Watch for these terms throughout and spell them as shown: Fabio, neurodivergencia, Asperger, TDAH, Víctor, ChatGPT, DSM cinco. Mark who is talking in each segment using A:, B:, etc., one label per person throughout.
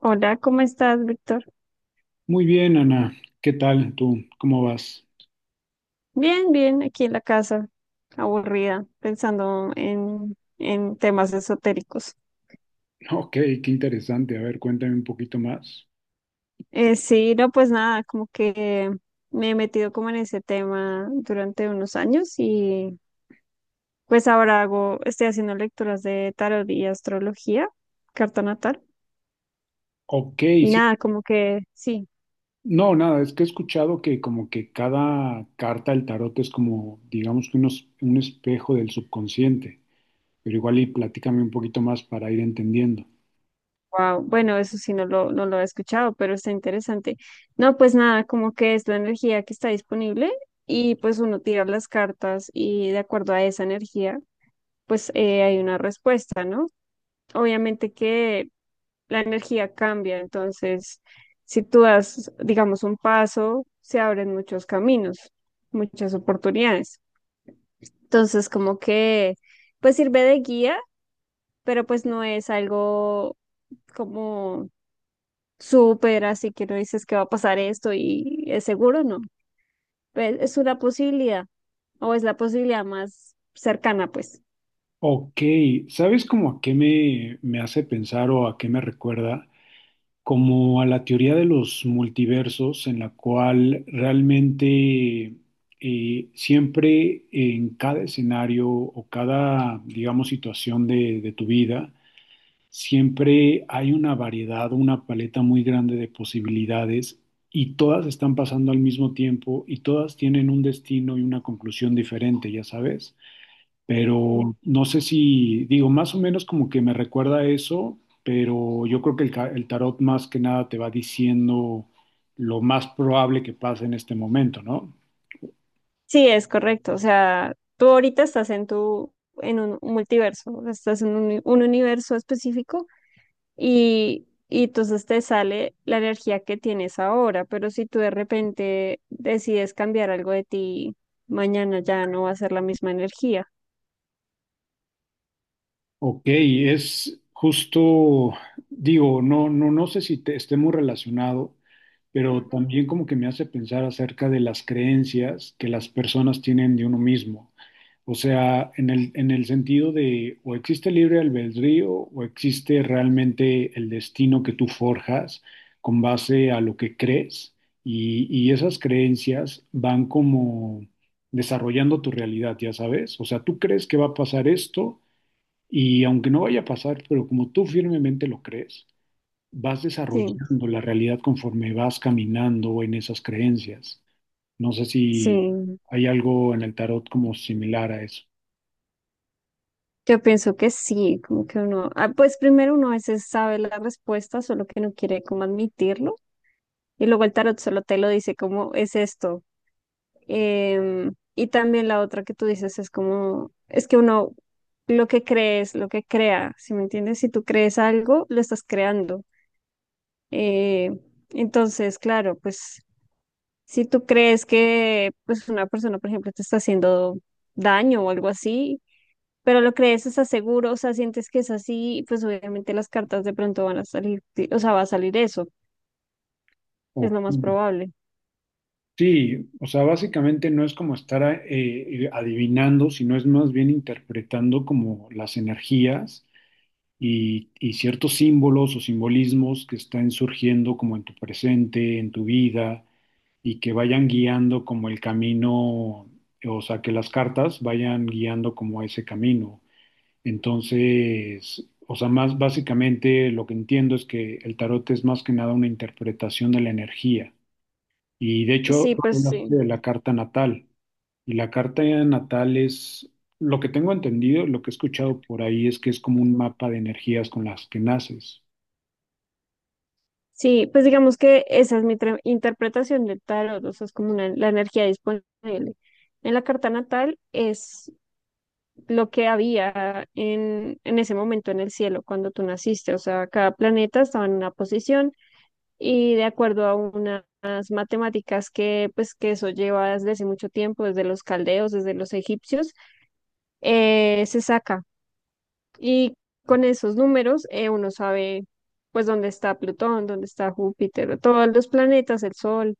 A: Hola, ¿cómo estás, Víctor?
B: Muy bien, Ana. ¿Qué tal tú? ¿Cómo vas?
A: Bien, bien, aquí en la casa, aburrida, pensando en temas esotéricos.
B: Ok, qué interesante. A ver, cuéntame un poquito más.
A: Sí, no, pues nada, como que me he metido como en ese tema durante unos años, y pues estoy haciendo lecturas de tarot y astrología, carta natal,
B: Ok,
A: y
B: sí.
A: nada, como que sí.
B: No, nada, es que he escuchado que como que cada carta del tarot es como, digamos que unos, un espejo del subconsciente, pero igual y platícame un poquito más para ir entendiendo.
A: Wow, bueno, eso sí no lo he escuchado, pero está interesante. No, pues nada, como que es la energía que está disponible, y pues uno tira las cartas y de acuerdo a esa energía, pues hay una respuesta, ¿no? Obviamente que la energía cambia, entonces si tú das, digamos, un paso, se abren muchos caminos, muchas oportunidades. Entonces, como que, pues sirve de guía, pero pues no es algo como súper, así que no dices que va a pasar esto y es seguro, no. Pues, es una posibilidad, o es la posibilidad más cercana, pues.
B: Ok, ¿sabes como a qué me hace pensar o a qué me recuerda? Como a la teoría de los multiversos, en la cual realmente siempre en cada escenario o cada, digamos, situación de tu vida, siempre hay una variedad, una paleta muy grande de posibilidades y todas están pasando al mismo tiempo y todas tienen un destino y una conclusión diferente, ya sabes.
A: Sí.
B: Pero no sé si, digo, más o menos como que me recuerda a eso, pero yo creo que el tarot más que nada te va diciendo lo más probable que pase en este momento, ¿no?
A: Sí, es correcto. O sea, tú ahorita estás en en un multiverso, o sea, estás en un universo específico, y entonces te sale la energía que tienes ahora, pero si tú de repente decides cambiar algo de ti, mañana ya no va a ser la misma energía.
B: Ok, es justo, digo, no sé si te, esté muy relacionado, pero
A: Ujú.
B: también como que me hace pensar acerca de las creencias que las personas tienen de uno mismo. O sea, en en el sentido de o existe libre albedrío o existe realmente el destino que tú forjas con base a lo que crees y esas creencias van como desarrollando tu realidad, ya sabes. O sea, tú crees que va a pasar esto y aunque no vaya a pasar, pero como tú firmemente lo crees, vas
A: Sí,
B: desarrollando la realidad conforme vas caminando en esas creencias. No sé si
A: sí.
B: hay algo en el tarot como similar a eso.
A: Yo pienso que sí, como que uno, pues primero uno a veces sabe la respuesta, solo que no quiere como admitirlo, y luego el tarot solo te lo dice como es esto. Y también la otra que tú dices es como, es que uno lo que cree es lo que crea, ¿sí me entiendes? Si tú crees algo, lo estás creando. Eh, entonces, claro, pues si tú crees que pues una persona, por ejemplo, te está haciendo daño o algo así, pero lo crees, estás seguro, o sea, sientes que es así, y pues obviamente las cartas de pronto van a salir, sí, o sea, va a salir eso, es
B: O-
A: lo más probable.
B: sí, o sea, básicamente no es como estar adivinando, sino es más bien interpretando como las energías y ciertos símbolos o simbolismos que están surgiendo como en tu presente, en tu vida, y que vayan guiando como el camino, o sea, que las cartas vayan guiando como ese camino. Entonces, o sea, más básicamente lo que entiendo es que el tarot es más que nada una interpretación de la energía. Y de hecho,
A: Sí,
B: tú
A: pues
B: hablaste
A: sí.
B: de la carta natal. Y la carta natal es, lo que tengo entendido, lo que he escuchado por ahí es que es como un mapa de energías con las que naces.
A: Sí, pues digamos que esa es mi interpretación del tarot, o sea, es como la energía disponible. En la carta natal es lo que había en ese momento en el cielo cuando tú naciste, o sea, cada planeta estaba en una posición, y de acuerdo a unas matemáticas que pues que eso lleva desde hace mucho tiempo, desde los caldeos, desde los egipcios, se saca. Y con esos números uno sabe pues dónde está Plutón, dónde está Júpiter, todos los planetas, el Sol.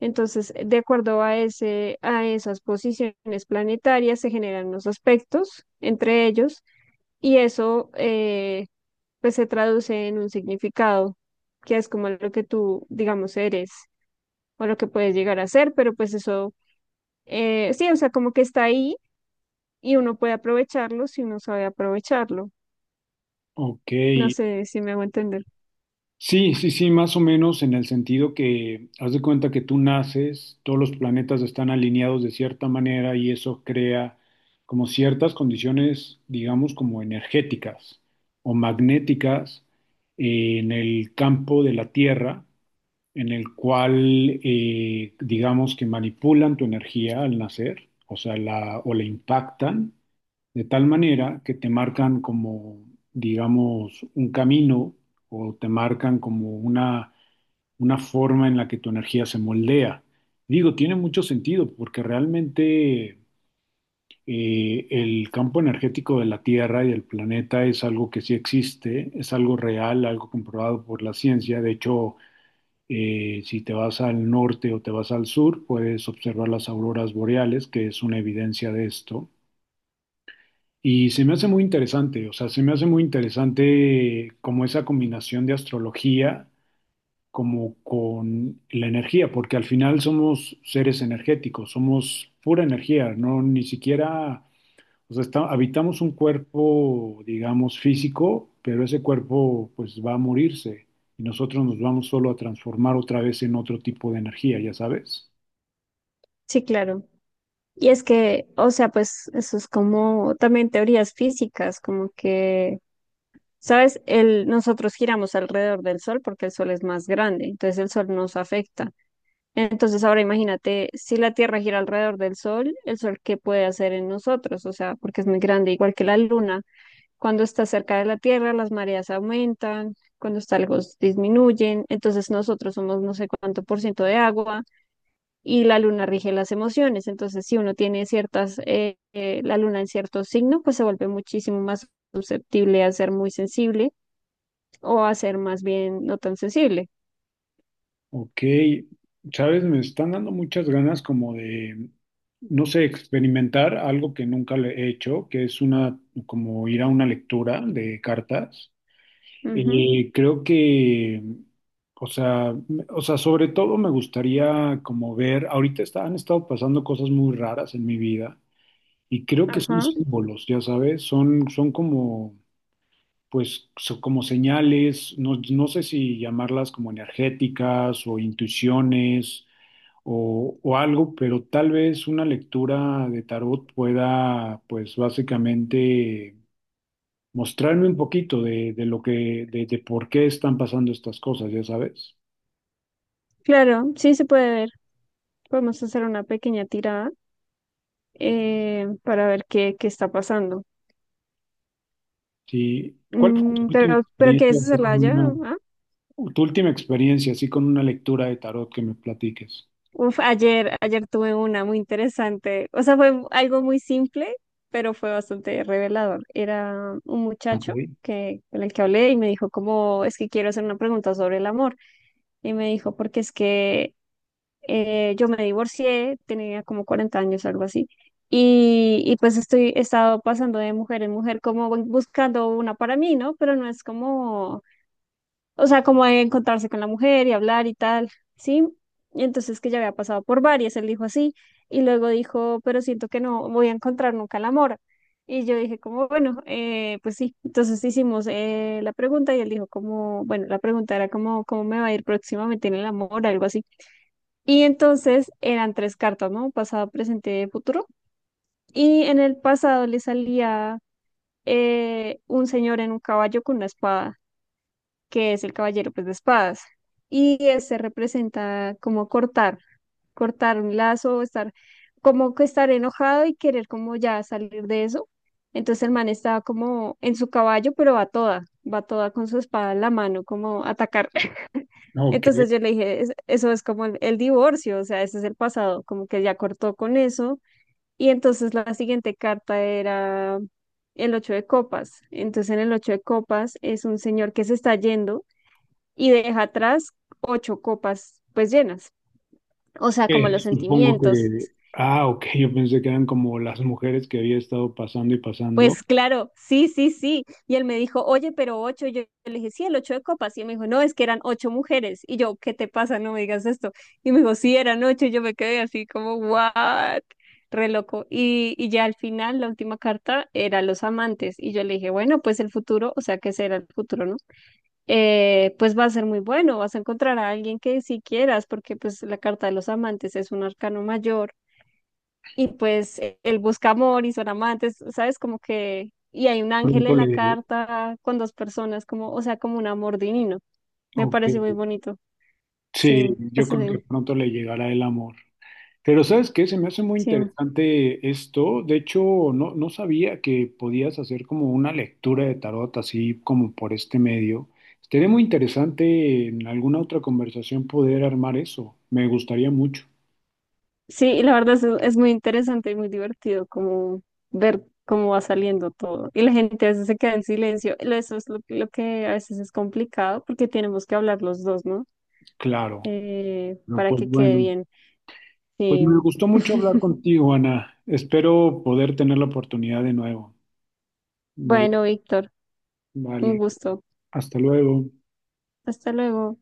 A: Entonces, de acuerdo a a esas posiciones planetarias se generan los aspectos entre ellos, y eso pues se traduce en un significado que es como lo que tú, digamos, eres, o lo que puedes llegar a hacer, pero pues eso, sí, o sea, como que está ahí y uno puede aprovecharlo si uno sabe aprovecharlo.
B: Ok,
A: No sé si me hago entender.
B: sí, sí, sí, más o menos en el sentido que haz de cuenta que tú naces, todos los planetas están alineados de cierta manera y eso crea como ciertas condiciones, digamos, como energéticas o magnéticas en el campo de la Tierra en el cual, digamos que manipulan tu energía al nacer, o sea, la, o la impactan de tal manera que te marcan como, digamos, un camino o te marcan como una forma en la que tu energía se moldea. Digo, tiene mucho sentido porque realmente el campo energético de la Tierra y del planeta es algo que sí existe, es algo real, algo comprobado por la ciencia. De hecho, si te vas al norte o te vas al sur, puedes observar las auroras boreales, que es una evidencia de esto. Y se me hace muy interesante, o sea, se me hace muy interesante como esa combinación de astrología como con la energía, porque al final somos seres energéticos, somos pura energía, no ni siquiera o sea, está- habitamos un cuerpo, digamos, físico, pero ese cuerpo pues va a morirse y nosotros nos vamos solo a transformar otra vez en otro tipo de energía, ya sabes.
A: Sí, claro. Y es que, o sea, pues eso es como también teorías físicas, como que, ¿sabes? Nosotros giramos alrededor del Sol porque el Sol es más grande, entonces el Sol nos afecta. Entonces ahora imagínate, si la Tierra gira alrededor del Sol, el Sol, ¿qué puede hacer en nosotros? O sea, porque es muy grande, igual que la Luna. Cuando está cerca de la Tierra, las mareas aumentan, cuando está lejos disminuyen. Entonces nosotros somos no sé cuánto por ciento de agua, y la luna rige las emociones. Entonces, si uno tiene la luna en cierto signo, pues se vuelve muchísimo más susceptible a ser muy sensible, o a ser más bien no tan sensible.
B: Ok, sabes, me están dando muchas ganas como de, no sé, experimentar algo que nunca le he hecho, que es una, como ir a una lectura de cartas.
A: Ujú,
B: Creo que, o sea, me- o sea, sobre todo me gustaría como ver, ahorita está- han estado pasando cosas muy raras en mi vida y creo que son
A: ajá,
B: símbolos, ya sabes, son como, pues, son como señales, no, no sé si llamarlas como energéticas o intuiciones o algo, pero tal vez una lectura de tarot pueda, pues, básicamente mostrarme un poquito de lo que, de por qué están pasando estas cosas, ya sabes.
A: claro, sí se puede ver. Podemos hacer una pequeña tirada para ver qué está pasando.
B: Sí. ¿Cuál fue tu
A: Mm,
B: última
A: pero
B: experiencia
A: ¿quieres
B: así con
A: hacerla ya?
B: una, tu última experiencia así con una lectura de tarot que me platiques?
A: Uf, ayer tuve una muy interesante. O sea, fue algo muy simple, pero fue bastante revelador. Era un
B: Ok.
A: muchacho con el que hablé, y me dijo como, es que quiero hacer una pregunta sobre el amor. Y me dijo, porque es que yo me divorcié, tenía como 40 años, algo así. Y pues he estado pasando de mujer en mujer como buscando una para mí, ¿no? Pero no es como, o sea, como de encontrarse con la mujer y hablar y tal, ¿sí? Y entonces que ya había pasado por varias, él dijo así, y luego dijo, pero siento que no voy a encontrar nunca el amor. Y yo dije como, bueno, pues sí, entonces hicimos la pregunta, y él dijo como, bueno, la pregunta era como, ¿cómo me va a ir próximamente en el amor? Algo así. Y entonces eran tres cartas, ¿no? Pasado, presente, futuro. Y en el pasado le salía un señor en un caballo con una espada, que es el caballero, pues, de espadas. Y este representa como cortar, cortar un lazo, estar como que estar enojado y querer como ya salir de eso. Entonces el man está como en su caballo, pero va toda con su espada en la mano, como a atacar.
B: Ok.
A: Entonces yo le dije, eso es como el divorcio, o sea, ese es el pasado, como que ya cortó con eso". Y entonces la siguiente carta era el ocho de copas. Entonces, en el ocho de copas es un señor que se está yendo y deja atrás ocho copas, pues, llenas, o sea, como los
B: Supongo
A: sentimientos.
B: que, ah, ok, yo pensé que eran como las mujeres que había estado pasando y pasando.
A: Pues claro, sí, sí, sí. Y él me dijo, oye, pero ocho. Y yo le dije, sí, el ocho de copas. Y él me dijo, no, es que eran ocho mujeres. Y yo, ¿qué te pasa? No me digas esto. Y me dijo, sí, eran ocho. Y yo me quedé así como, ¿what? Re loco. Y ya al final, la última carta era los amantes. Y yo le dije, bueno, pues el futuro, o sea, ¿qué será el futuro, no? Pues va a ser muy bueno, vas a encontrar a alguien que sí quieras, porque pues la carta de los amantes es un arcano mayor, y pues él busca amor y son amantes, ¿sabes? Como que, y hay un ángel
B: Pronto
A: en la
B: le,
A: carta con dos personas, como, o sea, como un amor divino. Me
B: ok.
A: parece muy bonito.
B: Sí,
A: Sí,
B: yo
A: eso
B: creo
A: sí,
B: que pronto le llegará el amor. Pero ¿sabes qué? Se me hace muy
A: sí.
B: interesante esto. De hecho, no, no sabía que podías hacer como una lectura de tarot así como por este medio. Estaría muy interesante en alguna otra conversación poder armar eso. Me gustaría mucho.
A: Sí, y la verdad es muy interesante y muy divertido como ver cómo va saliendo todo. Y la gente a veces se queda en silencio. Lo Eso es lo que a veces es complicado porque tenemos que hablar los dos, ¿no?
B: Claro. Pero
A: Para
B: pues
A: que quede
B: bueno,
A: bien.
B: pues
A: Sí.
B: me gustó mucho hablar contigo, Ana. Espero poder tener la oportunidad de nuevo. Vale,
A: Bueno, Víctor, un
B: vale.
A: gusto.
B: Hasta luego.
A: Hasta luego.